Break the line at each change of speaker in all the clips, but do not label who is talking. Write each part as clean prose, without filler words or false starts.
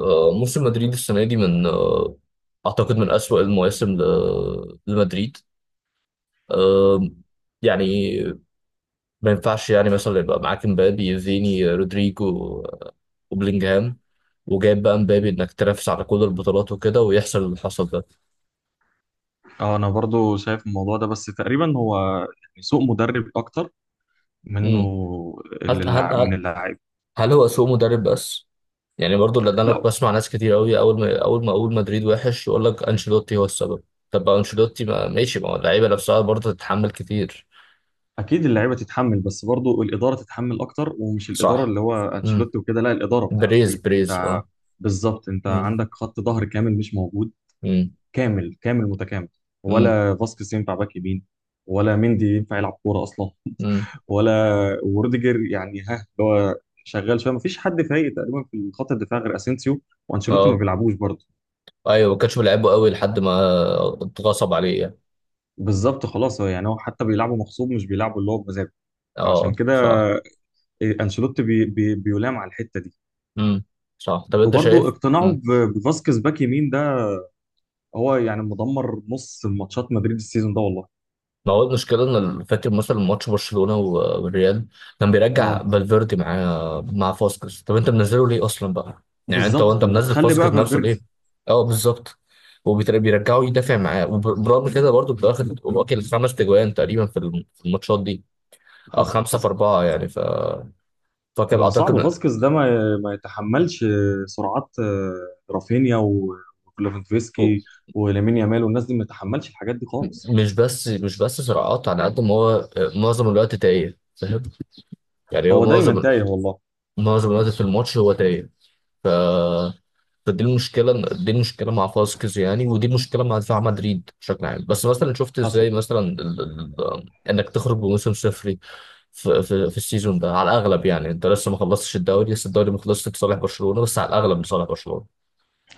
موسم مدريد السنة دي من أعتقد من أسوأ المواسم لمدريد. آه، يعني ما ينفعش يعني مثلا يبقى معاك مبابي فيني رودريجو وبلينجهام، وجايب بقى مبابي إنك تنافس على كل البطولات وكده ويحصل اللي حصل ده.
اه، انا برضو شايف الموضوع ده، بس تقريبا هو يعني سوء مدرب اكتر منه.
مم. هل هل
من
هل
اللاعب.
هل هو سوء مدرب بس؟ يعني برضو، لأن أنا
لا،
بسمع ناس كتير أوي أول ما أقول مدريد وحش يقول لك أنشيلوتي هو السبب. طب ما أنشيلوتي، ما ماشي، ما هو اللعيبة نفسها برضه تتحمل كتير.
اكيد اللعيبه تتحمل، بس برضو الاداره تتحمل اكتر، ومش الاداره
صح.
اللي هو انشيلوتي وكده. لا، الاداره بتاع مدريد
بريز اه.
انت. بالظبط، انت
مم.
عندك خط ظهر كامل مش موجود.
مم.
كامل كامل متكامل،
مم.
ولا فاسكيز ينفع باك يمين، ولا مندي ينفع يلعب كوره اصلا،
مم.
ولا وروديجر يعني ها اللي هو شغال شويه. مفيش حد فايق تقريبا في خط الدفاع غير اسينسيو، وانشيلوتي ما
اه
بيلعبوش برضه.
ايوه، ما كانش بيلعبه قوي لحد ما اتغصب عليه يعني.
بالظبط خلاص، هو يعني هو حتى بيلعبوا مغصوب، مش بيلعبوا اللي هو بمزاجه. فعشان
اه
كده
صح.
انشيلوتي بي بي بيلام على الحته دي.
مم. صح، طب انت
وبرضه
شايف.
اقتناعه
مم.
بفاسكيز باك يمين ده هو يعني مدمر نص ماتشات مدريد السيزون ده والله.
ما هو المشكله ان فاكر مثلا ماتش برشلونه والريال كان بيرجع
اه
فالفيردي معاه مع فاسكس، طب انت منزله ليه اصلا بقى؟ يعني انت
بالظبط،
وانت
طب ما
منزل
تخلي
فاسكس
بقى
نفسه ليه؟
فالفيردي.
اه بالظبط. وبيرجعوا يدافع معاه، وبرغم كده برضه بياخد واكل خمس تجوان تقريبا في في الماتشات دي، او
حصل
خمسه في
حصل.
اربعه يعني. فكر
ما هو صعب
اعتقد.
فاسكيز ده ما يتحملش سرعات رافينيا وليفاندوفسكي ولامين يامال، والناس دي ما يتحملش الحاجات دي خالص.
مش بس صراعات، على قد ما هو معظم الوقت دقايق فاهم يعني. هو
هو دايما
معظم
تايه والله.
معظم الوقت في الماتش هو دقايق. ف فدي المشكله دي المشكله مع فاسكيز يعني، ودي المشكله مع دفاع مدريد بشكل عام. بس مثلا شفت
حصل.
ازاي مثلا انك تخرج بموسم صفري في السيزون ده على الاغلب. يعني انت لسه ما خلصتش الدوري، لسه الدوري ما خلصش لصالح برشلونه، بس على الاغلب لصالح برشلونه.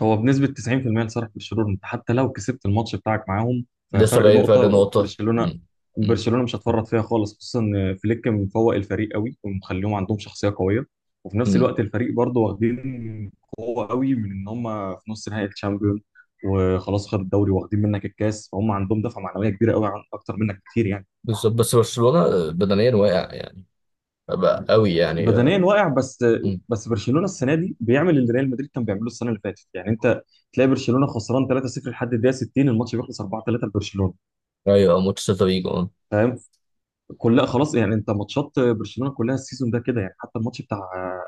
هو بنسبة 90% لصالح برشلونة، انت حتى لو كسبت الماتش بتاعك معاهم
لسه
ففرق
باقي فرق
نقطة.
نقطه.
برشلونة،
م-
برشلونة مش هتفرط فيها خالص، خصوصا ان فليك مفوق الفريق قوي ومخليهم عندهم شخصية قوية. وفي نفس
م-
الوقت الفريق برضه واخدين قوة قوي من ان هم في نص نهائي الشامبيون، وخلاص خد الدوري واخدين منك الكاس، فهم عندهم دفعة معنوية كبيرة قوي اكتر منك كتير يعني.
بالظبط. بس برشلونة بدنيا واقع يعني، بقى قوي يعني
بدنيا واقع، بس
مم.
بس برشلونه السنه دي بيعمل اللي ريال مدريد كان بيعمله السنه اللي فاتت. يعني انت تلاقي برشلونه خسران 3-0 لحد الدقيقه 60 الماتش بيخلص 4-3 لبرشلونه.
ايوه ماتش سيلتا فيجو اه.
فاهم، كلها خلاص يعني. انت ماتشات برشلونه كلها السيزون ده كده، يعني حتى الماتش بتاع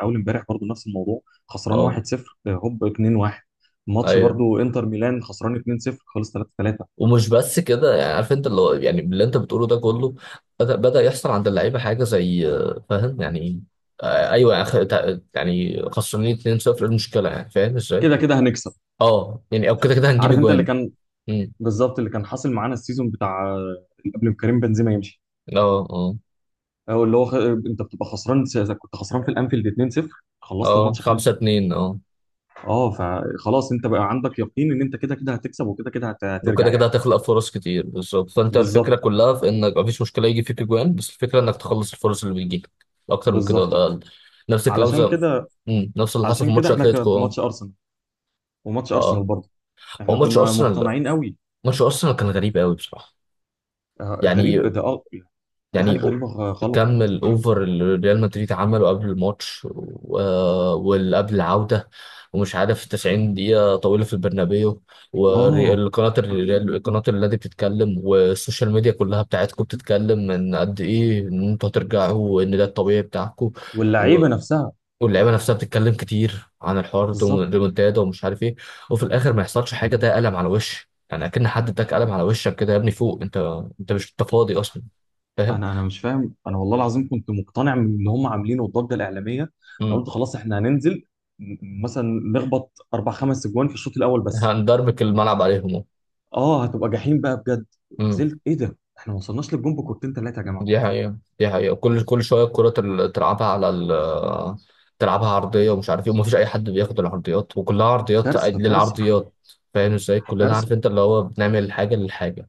اول امبارح برضو نفس الموضوع، خسران
اه
1-0 هوب 2-1. ماتش
ايوه.
برضو انتر ميلان خسران 2-0 خلص 3-3.
ومش بس كده يعني، عارف انت اللي هو يعني اللي انت بتقوله ده كله بدأ يحصل عند اللعيبه حاجه زي فاهم يعني. ايوه يعني يعني خسرانين 2-0، إيه المشكله يعني فاهم ازاي؟
كده كده هنكسب.
اه يعني، او كده كده هنجيب
عارف انت اللي
اجوان.
كان،
مم.
بالظبط اللي كان حاصل معانا السيزون بتاع قبل ما كريم بنزيما يمشي،
اه اه
او اللي هو انت بتبقى خسران، كنت خسران في الانفيلد 2-0 خلصت
اه
الماتش 5.
5-2 اه.
اه فخلاص انت بقى عندك يقين ان انت كده كده هتكسب، وكده كده
وكده
هترجع
كده
يعني.
هتخلق فرص كتير. بالظبط، فانت الفكره
بالظبط.
كلها في انك مفيش مشكله يجي فيك اجوان، بس الفكره انك تخلص الفرص اللي بتجيلك اكتر من كده ولا
بالظبط.
اقل. نفس الكلام
علشان
زي،
كده،
مم، نفس اللي حصل في
علشان كده
ماتش
احنا كان
اتلتيكو
في
اه.
ماتش ارسنال، وماتش ارسنال
اه.
برضه
هو
احنا
ماتش
كنا
ارسنال لا،
مقتنعين قوي.
ماتش ارسنال كان غريب قوي بصراحه. يعني
غريب ده اه، في حاجه
يعني
غريبه غلط.
كم الاوفر اللي ريال مدريد عمله قبل الماتش واللي قبل العوده، ومش عارف، 90 دقيقه طويله في البرنابيو،
اه،
والقناه الريال قناه النادي بتتكلم، والسوشيال ميديا كلها بتاعتكم بتتكلم ان قد ايه ان انتوا هترجعوا وان ده الطبيعي بتاعكم. و-
واللعيبه نفسها،
واللعيبه نفسها بتتكلم كتير عن الحوار
بالظبط.
الريمونتادا ومش عارف ايه. وفي الاخر ما يحصلش حاجه. ده قلم على وش يعني، اكن حد اداك قلم على وشك كده، يا ابني فوق انت، انت مش انت فاضي اصلا فاهم؟
انا مش فاهم، انا والله العظيم كنت مقتنع من اللي هم عاملينه الضجه الاعلاميه. انا قلت خلاص احنا هننزل مثلا نخبط اربع خمس اجوان في الشوط الاول بس.
هندربك الملعب عليهم.
اه هتبقى جحيم بقى بجد.
امم.
نزلت ايه ده؟ احنا ما وصلناش للجون بكورتين ثلاثه يا جماعه.
دي حقيقة دي حقيقة، كل شوية الكرة تلعبها على تلعبها عرضية ومش عارف ايه، ومفيش أي حد بياخد العرضيات وكلها عرضيات
كارثه كارثه
للعرضيات. فاهم ازاي؟ كلنا عارف
كارثه.
انت اللي هو بنعمل حاجة للحاجة.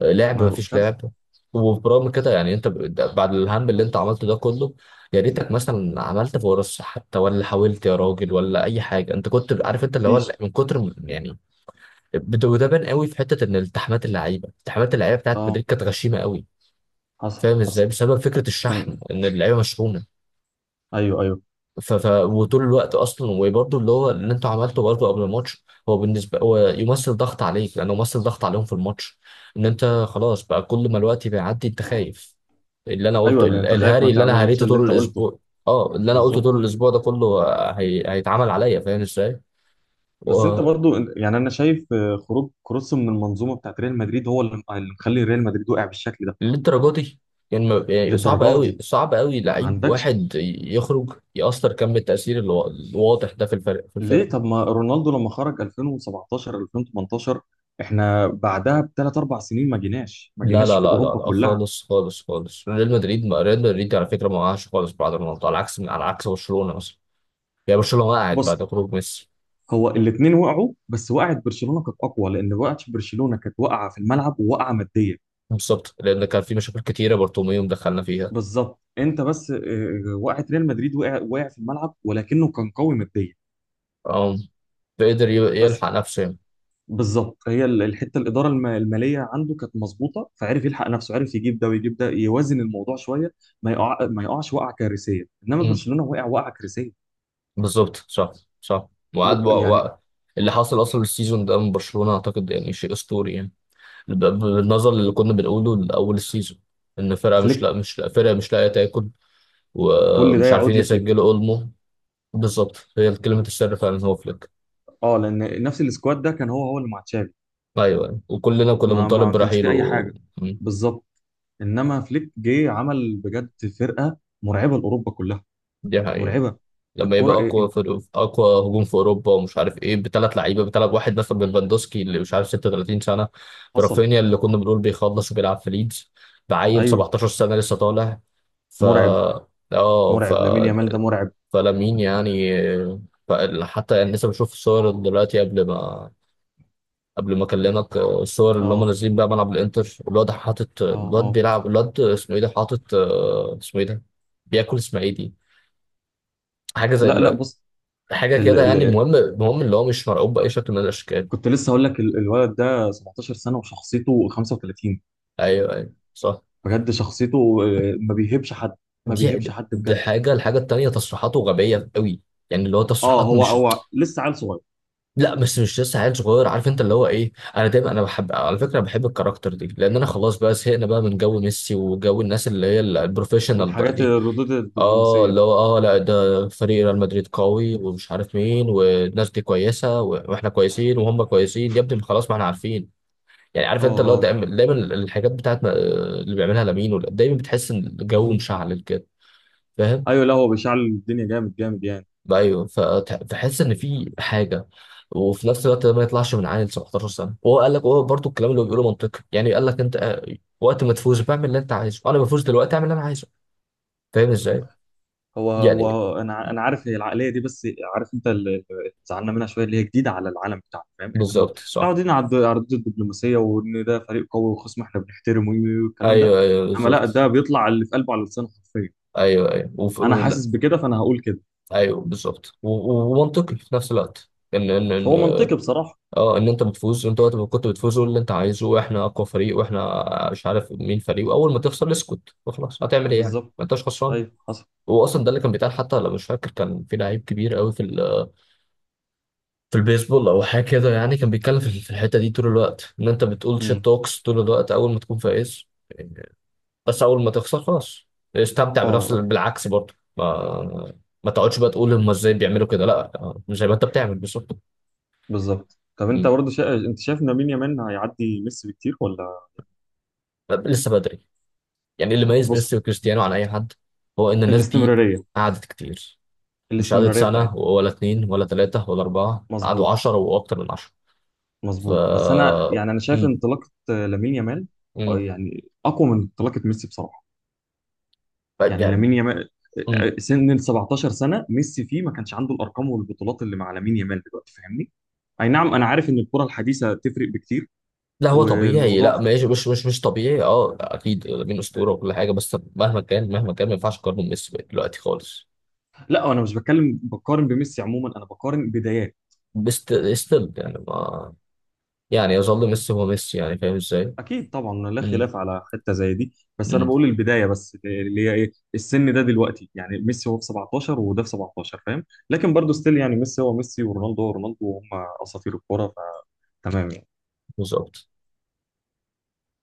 لعب
ما هو
مفيش
كارثه.
لعب. وبرغم كده يعني انت بعد الهم اللي انت عملته ده كله، يا ريتك مثلا عملت فرص حتى، ولا حاولت يا راجل ولا اي حاجه. انت كنت عارف انت اللي هو
مفيش.
من كتر يعني وده بان قوي في حته ان التحامات اللعيبه بتاعت
اه
مدريد كانت غشيمه قوي.
حصل
فاهم ازاي؟
حصل
بسبب فكره الشحن
كان.
ان اللعيبه مشحونه.
ايوه ايوه
وطول الوقت اصلا، وبرده اللي هو اللي انتوا عملته برده قبل الماتش، هو بالنسبه هو يمثل ضغط عليك لانه يمثل ضغط عليهم في الماتش، ان انت خلاص بقى كل ما الوقت بيعدي انت خايف اللي انا
ايوه،
قلته،
اللي انت خايف ما
الهاري اللي انا
تعملش
هريته
اللي انت
طول
قلته.
الاسبوع. اه اللي انا قلته
بالظبط.
طول الاسبوع ده كله هيتعمل عليا فاهم
بس انت
ازاي؟
برضو يعني انا شايف خروج كروس من المنظومه بتاعت ريال مدريد هو اللي مخلي ريال مدريد وقع بالشكل ده
للدرجه دي يعني يعني صعب
للدرجه
قوي
دي.
صعب قوي
ما
لعيب
عندكش
واحد يخرج يأثر كم التأثير الواضح ده في الفرق في الفرق.
ليه؟ طب ما رونالدو لما خرج 2017 2018 احنا بعدها بثلاث اربع سنين ما جيناش، ما
لا
جيناش
لا
في
لا لا
اوروبا
لا
كلها.
خالص خالص خالص، ريال مدريد، ما ريال مدريد على فكرة ما وقعش خالص بعد رونالدو، على عكس برشلونة مثلا. يعني برشلونة وقعت بعد
بص،
خروج ميسي.
هو الاثنين وقعوا، بس وقعت برشلونه كانت اقوى، لان وقعت برشلونه كانت واقعه في الملعب وواقعه ماديا.
بالظبط، لأن كان في مشاكل كتيرة بارتوميوم دخلنا فيها.
بالظبط، انت بس وقعت ريال مدريد، وقع في الملعب، ولكنه كان قوي ماديا.
أم. فقدر
بس
يلحق نفسه يعني.
بالظبط، هي الحته الاداره الماليه عنده كانت مظبوطه، فعرف يلحق نفسه، عرف يجيب ده ويجيب ده، يوازن الموضوع شويه. ما يقعش وقعه كارثيه، انما
أمم،
برشلونه وقع وقعه كارثيه.
بالظبط صح. صح. وقعد بقى-
يعني
بقى- اللي حصل أصلا السيزون ده من برشلونة أعتقد يعني شيء أسطوري يعني. ب- بالنظر اللي كنا بنقوله لأول السيزون، إن فرقة مش
فليك،
لا مش لا فرقة مش لاقية تاكل،
كل ده
ومش عارفين
يعود لفليك.
يسجلوا أولمو. بالظبط، هي كلمة السر فعلا هو فليك.
اه لان نفس السكواد ده كان هو هو اللي مع تشافي،
أيوه أيوة، وكلنا كنا
ما
بنطالب
ما كانش فيه
برحيله.
اي حاجه.
مم.
بالظبط. انما فليك جه عمل بجد فرقه مرعبه لاوروبا كلها.
دي حقيقة.
مرعبه.
لما
الكره
يبقى
إيه
أقوى
انت؟
فرق أقوى هجوم في أوروبا ومش عارف إيه، بثلاث لعيبة، بثلاث واحد مثلا من فاندوسكي اللي مش عارف 36 سنة،
حصل.
برافينيا اللي كنا بنقول بيخلص وبيلعب في ليدز، بعيل
ايوه
17 سنة لسه طالع. ف
مرعب.
اه
مرعب، لامين يامال ده مرعب.
فلامين يعني، حتى يعني لسه بشوف الصور دلوقتي قبل ما اكلمك، الصور اللي هم
اه
نازلين بقى ملعب الانتر، الواد حاطط،
اه
الواد
اه.
بيلعب، الواد اسمه ايه ده حاطط اسمه ايه ده، بياكل اسماعيلي، حاجه زي
لا لا. بص،
حاجه كده يعني. المهم، المهم اللي هو مش مرعوب باي شكل من الاشكال.
كنت لسه هقول لك الولد ده 17 سنة وشخصيته 35.
ايوه ايوه صح.
بجد شخصيته ما بيهبش حد، ما
دي
بيهبش حد
دي
بجد.
حاجه، الحاجه التانيه تصريحاته غبيه قوي يعني، اللي هو
اه،
تصريحات
هو
مش.
هو لسه عيل صغير.
لا، بس مش لسه عيل صغير، عارف انت اللي هو ايه، انا دايما انا بحب على فكره، بحب الكاركتر دي، لان انا خلاص بقى زهقنا بقى من جو ميسي وجو الناس اللي هي البروفيشنال بقى
والحاجات
دي.
الردود
اه
الدبلوماسية
اللي
دي.
هو اه، لا ده فريق ريال مدريد قوي ومش عارف مين، والناس دي كويسه واحنا كويسين وهم كويسين يا ابني، ما خلاص ما احنا عارفين. يعني عارف
اه
انت اللي هو
اه.
دايما دايما الحاجات بتاعت اللي بيعملها لامين دايما بتحس ان الجو مشعل كده فاهم.
ايوه لا، هو بيشعل الدنيا جامد جامد يعني.
ايوه فتحس ان في حاجه، وفي نفس الوقت ده ما يطلعش من عيل 17 سنه، وهو قال لك، هو برضه الكلام اللي هو بيقوله منطقي يعني. قال لك انت وقت ما تفوز بعمل اللي انت عايزه، انا بفوز دلوقتي اعمل اللي انا عايزه، فاهم ازاي؟
هو
يعني
هو، انا عارف هي العقلية دي، بس عارف انت اللي زعلنا منها شوية اللي هي جديدة على العالم بتاعنا. فاهم، احنا
بالظبط صح.
متعودين على على الردود الدبلوماسية، وان ده فريق قوي وخصم احنا بنحترمه والكلام ده.
ايوه ايوه
انما لا، ده
بالظبط.
بيطلع اللي في قلبه على لسانه حرفيا.
ايوه ايوه
انا
لا.
حاسس بكده فانا هقول كده.
ايوه بالظبط، ومنطقي في نفس الوقت، ان
هو منطقي بصراحة.
اه ان انت بتفوز انت، وقت ما كنت بتفوز قول اللي انت عايزه، واحنا اقوى فريق واحنا مش عارف مين فريق، واول ما تخسر اسكت وخلاص، هتعمل ايه يعني
بالظبط،
ما انتش خسران.
ايوه حصل.
هو اصلا ده اللي كان بيتقال، حتى لو مش فاكر كان في لعيب كبير قوي في في البيسبول او حاجه كده يعني، كان بيتكلم في الحته دي طول الوقت ان انت بتقول شيت
امم
توكس طول الوقت اول ما تكون فايز، بس اول ما تخسر خلاص استمتع
اه
بنفس
اه،
بالعكس برضه ما تقعدش بقى تقول هم ازاي بيعملوا كده، لا، مش زي ما انت بتعمل بالظبط.
بالظبط. طب انت
مم.
برضه انت شايف ان مين، يامال هيعدي ميسي بكتير ولا؟
لسه بدري يعني، اللي ميز
بص،
ميسي وكريستيانو عن اي حد هو ان الناس دي
الاستمرارية،
قعدت كتير، مش قعدت
الاستمرارية بتاعته.
سنه ولا اتنين ولا تلاته ولا اربعه، قعدوا
مظبوط.
عشرة واكتر من عشرة. ف
مظبوط، بس انا يعني انا شايف
إمم.
انطلاقة لامين يامال
امم.
يعني اقوى من انطلاقة ميسي بصراحة. يعني
يعني،
لامين يامال
امم.
سن ال 17 سنة ميسي فيه ما كانش عنده الارقام والبطولات اللي مع لامين يامال دلوقتي، فاهمني؟ اي نعم انا عارف ان الكرة الحديثة تفرق بكتير.
لا هو طبيعي، لا
والموضوع،
ماشي، مش طبيعي، اه اكيد لامين اسطوره وكل حاجه، بس مهما كان ما ينفعش اقارنه بميسي دلوقتي خالص.
لا انا مش بتكلم بقارن بميسي عموما، انا بقارن بدايات.
بس ستيل يعني ما يعني يظل ميسي هو ميسي يعني فاهم ازاي؟
اكيد طبعا، لا
امم.
خلاف على حته زي دي. بس انا
امم.
بقول البدايه بس اللي هي ايه السن ده دلوقتي. يعني ميسي هو في 17 وده في 17 فاهم. لكن برضه ستيل يعني ميسي هو ميسي، ورونالدو هو رونالدو، وهم اساطير الكوره. فتمام يعني.
بالظبط.